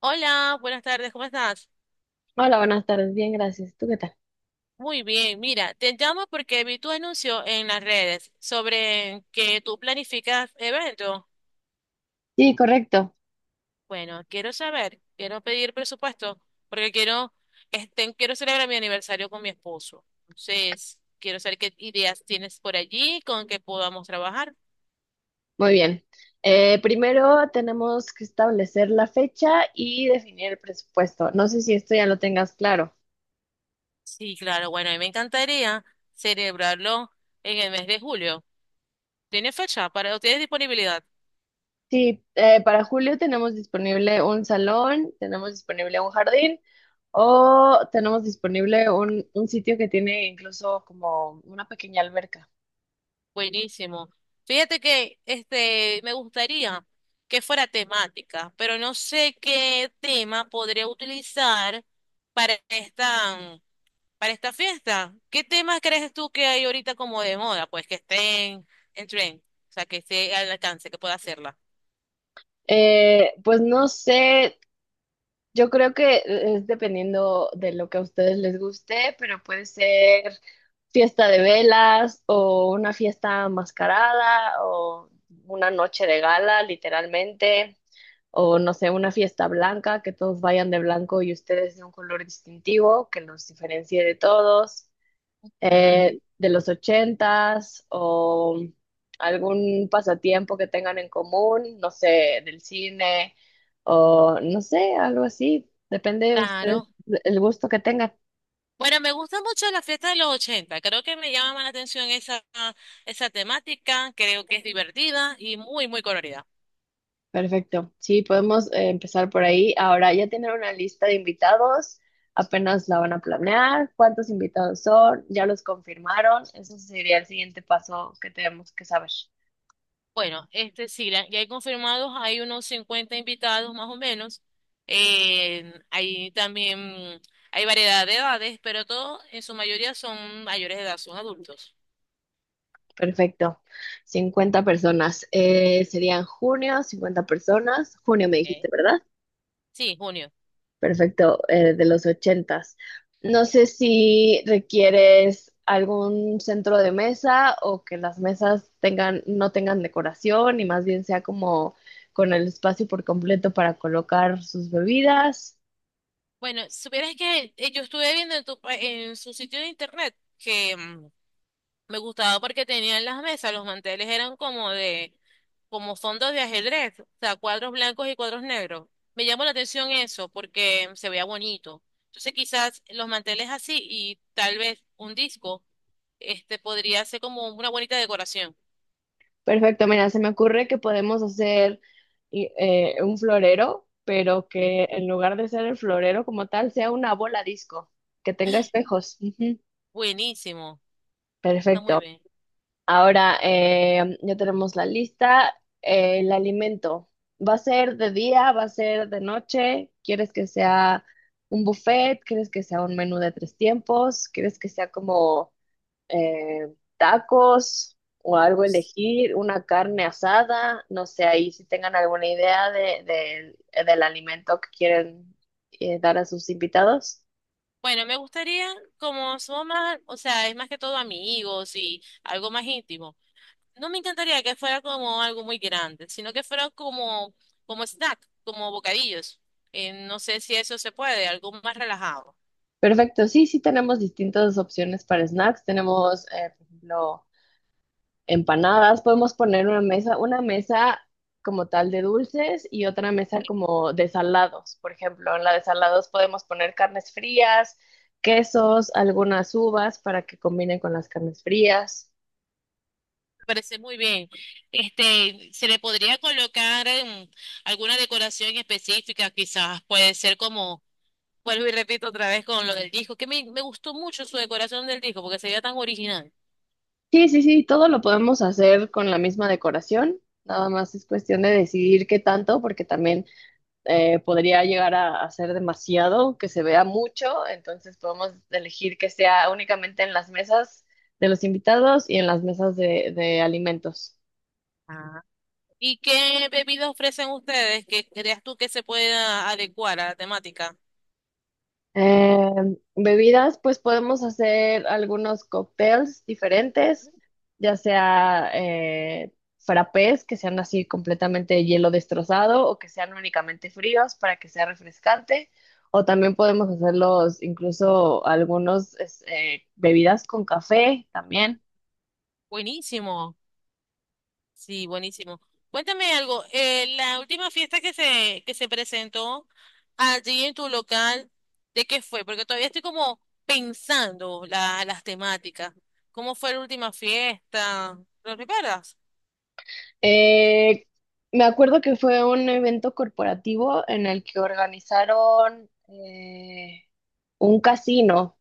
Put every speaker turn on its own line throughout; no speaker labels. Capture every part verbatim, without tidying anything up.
Hola, buenas tardes, ¿cómo estás?
Hola, buenas tardes. Bien, gracias. ¿Tú qué tal?
Muy bien, mira, te llamo porque vi tu anuncio en las redes sobre que tú planificas eventos.
Sí, correcto.
Bueno, quiero saber, quiero pedir presupuesto porque quiero, este, quiero celebrar mi aniversario con mi esposo. Entonces, quiero saber qué ideas tienes por allí con que podamos trabajar.
Muy bien. Eh, primero tenemos que establecer la fecha y definir el presupuesto. No sé si esto ya lo tengas claro.
Sí, claro, bueno, a mí me encantaría celebrarlo en el mes de julio. ¿Tienes fecha para, o tienes disponibilidad?
Sí, eh, para julio tenemos disponible un salón, tenemos disponible un jardín o tenemos disponible un, un sitio que tiene incluso como una pequeña alberca.
Buenísimo. Fíjate que este me gustaría que fuera temática, pero no sé qué tema podría utilizar para esta, mm, para esta fiesta. ¿Qué temas crees tú que hay ahorita como de moda? Pues que estén en tren, o sea, que esté al alcance, que pueda hacerla.
Eh, pues no sé, yo creo que e-, es dependiendo de lo que a ustedes les guste, pero puede ser fiesta de velas o una fiesta mascarada o una noche de gala, literalmente, o no sé, una fiesta blanca, que todos vayan de blanco y ustedes de un color distintivo que los diferencie de todos,
Ujú.
eh, de los ochentas o algún pasatiempo que tengan en común, no sé, del cine o no sé, algo así. Depende de ustedes,
Claro.
el gusto que tengan.
Bueno, me gusta mucho la fiesta de los ochenta. Creo que me llama más la atención esa, esa temática. Creo que es divertida y muy, muy colorida.
Perfecto. Sí, podemos eh, empezar por ahí. Ahora, ya tienen una lista de invitados, apenas la van a planear, cuántos invitados son, ya los confirmaron. Eso sería el siguiente paso que tenemos que saber.
Bueno, este sí, la- ya hay confirmados, hay unos cincuenta invitados más o menos. Eh, hay también, hay variedad de edades, pero todos en su mayoría son mayores de edad, son adultos.
Perfecto. Cincuenta personas. Eh, serían junio, cincuenta personas. Junio me dijiste,
Okay.
¿verdad?
Sí, junio.
Perfecto, eh, de los ochentas. No sé si requieres algún centro de mesa o que las mesas tengan, no tengan decoración y más bien sea como con el espacio por completo para colocar sus bebidas.
Bueno, supieras que eh, yo estuve viendo en, tu pa- en su sitio de internet que mm, me gustaba porque tenían las mesas, los manteles eran como de, como fondos de ajedrez, o sea, cuadros blancos y cuadros negros. Me llamó la atención eso porque se veía bonito. Entonces quizás los manteles así y tal vez un disco, este podría ser como una bonita decoración.
Perfecto, mira, se me ocurre que podemos hacer y- eh, un florero, pero
¿Eh?
que en lugar de ser el florero como tal, sea una bola disco, que tenga espejos. Ujú.
Buenísimo, está muy
Perfecto.
bien.
Ahora, eh, ya tenemos la lista. Eh, el alimento. ¿Va a ser de día? ¿Va a ser de noche? ¿Quieres que sea un buffet? ¿Quieres que sea un menú de tres tiempos? ¿Quieres que sea como eh, tacos o algo, elegir una carne asada, no sé, ahí si tengan alguna idea de, de- eh, del alimento que quieren eh, dar a sus invitados.
Bueno, me gustaría, como somos más, o sea, es más que todo amigos y algo más íntimo. No me encantaría que fuera como algo muy grande, sino que fuera como, como snack, como bocadillos. Eh, no sé si eso se puede, algo más relajado.
Perfecto, sí, sí tenemos distintas opciones para snacks. Tenemos, eh, por ejemplo, empanadas, podemos poner una mesa, una mesa como tal de dulces y otra mesa como de salados. Por ejemplo, en la de salados podemos poner carnes frías, quesos, algunas uvas para que combinen con las carnes frías.
Me parece muy bien. Este, se le podría colocar em, alguna decoración específica, quizás puede ser como, vuelvo y repito otra vez con lo del disco, que me, me gustó mucho su decoración del disco porque se veía tan original.
Sí, sí, sí, todo lo podemos hacer con la misma decoración. Nada más es cuestión de decidir qué tanto, porque también eh, podría llegar a, a ser demasiado, que se vea mucho, entonces podemos elegir que sea únicamente en las mesas de los invitados y en las mesas de, de alimentos.
¿Y qué bebidas ofrecen ustedes que creas tú que se pueda adecuar a la temática?
Eh, bebidas, pues podemos hacer algunos cócteles diferentes, ya sea eh, frappés, que sean así completamente hielo destrozado o que sean únicamente fríos para que sea refrescante, o también podemos hacerlos incluso algunos es- eh, bebidas con café también.
Buenísimo. Sí, buenísimo. Cuéntame algo, eh, la última fiesta que se, que se presentó allí en tu local, ¿de qué fue? Porque todavía estoy como pensando la- las temáticas. ¿Cómo fue la última fiesta? ¿Lo recuerdas?
Eh, me acuerdo que fue un evento corporativo en el que organizaron eh, un casino.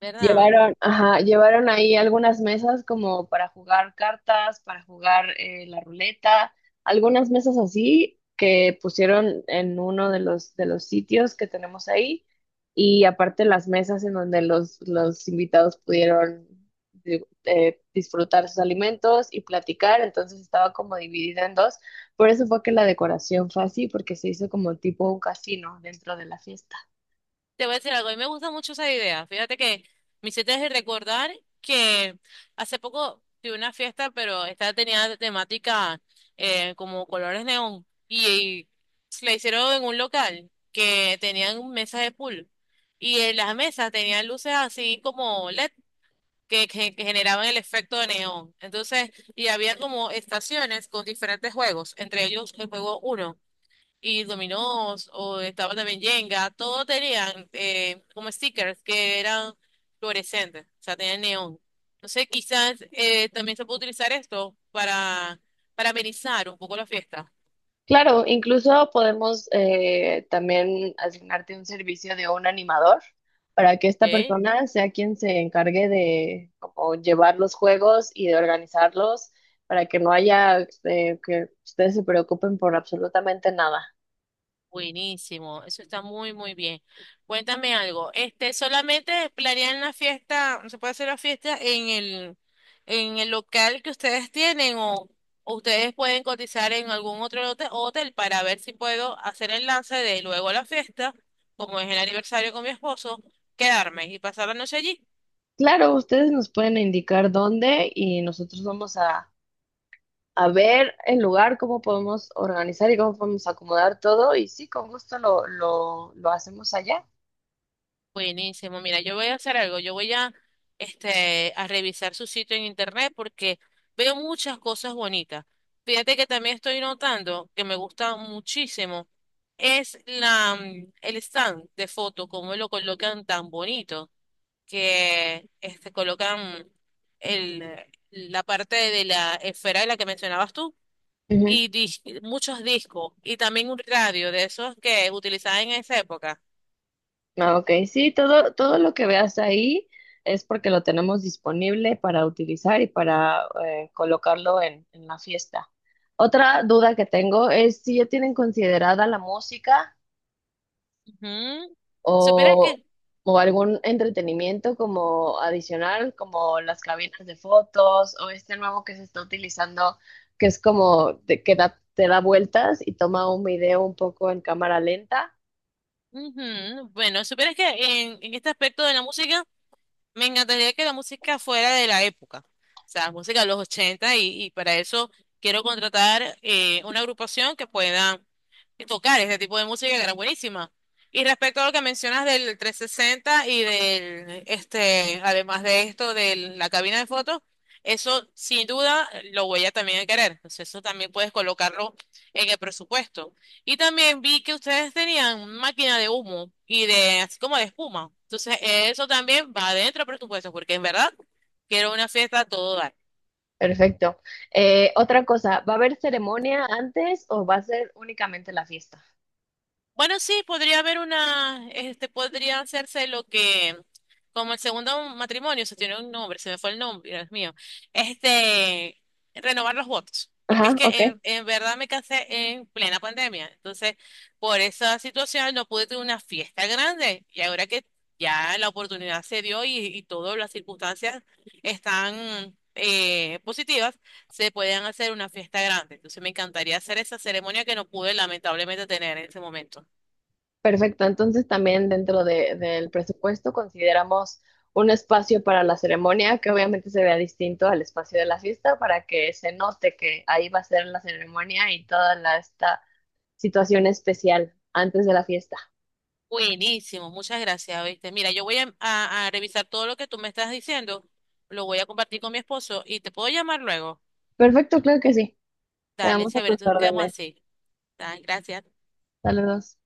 ¿Verdad?
Llevaron, ajá, llevaron ahí algunas mesas como para jugar cartas, para jugar eh, la ruleta, algunas mesas así que pusieron en uno de los, de los sitios que tenemos ahí y aparte las mesas en donde los, los invitados pudieron di- eh, disfrutar sus alimentos y platicar, entonces estaba como dividida en dos, por eso fue que la decoración fue así, porque se hizo como tipo un casino dentro de la fiesta.
Te voy a decir algo, a mí me gusta mucho esa idea. Fíjate que me hiciste recordar que hace poco tuve una fiesta, pero esta tenía de temática eh, como colores neón y, y la hicieron en un local que tenían mesas de pool y en las mesas tenían luces así como L E D que, que- que generaban el efecto de neón. Entonces, y había como estaciones con diferentes juegos, entre ellos el juego uno y dominós, o estaba también Jenga, todos tenían eh, como stickers que eran fluorescentes, o sea, tenían neón. Entonces, quizás eh, también se puede utilizar esto para, para amenizar un poco la fiesta.
Claro, incluso podemos eh, también asignarte un servicio de un animador para que esta
¿Ok?
persona sea quien se encargue de, como, llevar los juegos y de organizarlos para que no haya eh, que ustedes se preocupen por absolutamente nada.
Buenísimo, eso está muy, muy bien. Cuéntame algo. Este, solamente planean la fiesta, ¿se puede hacer la fiesta en el, en el local que ustedes tienen o o ustedes pueden cotizar en algún otro hote- hotel para ver si puedo hacer el lance de luego la fiesta, como es el aniversario con mi esposo, quedarme y pasar la noche allí?
Claro, ustedes nos pueden indicar dónde y nosotros vamos a, a ver el lugar, cómo podemos organizar y cómo podemos acomodar todo y sí, con gusto lo, lo, lo hacemos allá.
Buenísimo. Mira, yo voy a hacer algo. Yo voy a, este, a revisar su sitio en internet porque veo muchas cosas bonitas. Fíjate que también estoy notando que me gusta muchísimo es la, mm, el stand de foto, cómo lo colocan tan bonito, que este, colocan el, la parte de la esfera de la que mencionabas tú
Ujú.
y dis- muchos discos y también un radio de esos que utilizaban en esa época.
Ah, ok, sí, todo, todo lo que veas ahí es porque lo tenemos disponible para utilizar y para eh, colocarlo en, en la fiesta. Otra duda que tengo es si ya tienen considerada la música
Ujú. Supieras
o,
que,
o algún entretenimiento como adicional, como las cabinas de fotos o este nuevo que se está utilizando, que es como de- que da- te da vueltas y toma un video un poco en cámara lenta.
ujú, Bueno, supieras que en, en este aspecto de la música, me encantaría que la música fuera de la época, o sea, música de los ochenta y, y para eso quiero contratar eh, una agrupación que pueda tocar este tipo de música que era buenísima. Y respecto a lo que mencionas del trescientos sesenta y del, este, además de esto, de la cabina de fotos, eso sin duda lo voy a también querer. Entonces eso también puedes colocarlo en el presupuesto. Y también vi que ustedes tenían máquina de humo y de así como de espuma. Entonces, eso también va dentro del presupuesto, porque en verdad quiero una fiesta a todo dar.
Perfecto. Eh, otra cosa, ¿va a haber ceremonia antes o va a ser únicamente la fiesta?
Bueno, sí, podría haber una, este, podría hacerse lo que, como el segundo matrimonio, se tiene un nombre, se me fue el nombre, Dios mío, este, renovar los votos, porque es
Ajá,
que
ok.
en, en verdad me casé en plena pandemia, entonces por esa situación no pude tener una fiesta grande y ahora que ya la oportunidad se dio y, y todas las circunstancias están eh, positivas, se pueden hacer una fiesta grande, entonces me encantaría hacer esa ceremonia que no pude lamentablemente tener en ese momento.
Perfecto. Entonces también dentro de- del presupuesto consideramos un espacio para la ceremonia que obviamente se vea distinto al espacio de la fiesta para que se note que ahí va a ser la ceremonia y toda la, esta situación especial antes de la fiesta.
Buenísimo, muchas gracias, ¿viste? Mira, yo voy a, a- a revisar todo lo que tú me estás diciendo, lo voy a compartir con mi esposo y te puedo llamar luego.
Perfecto, claro que sí.
Dale,
Quedamos a
chévere,
tus
entonces quedamos
órdenes.
así. Dale, gracias.
Saludos.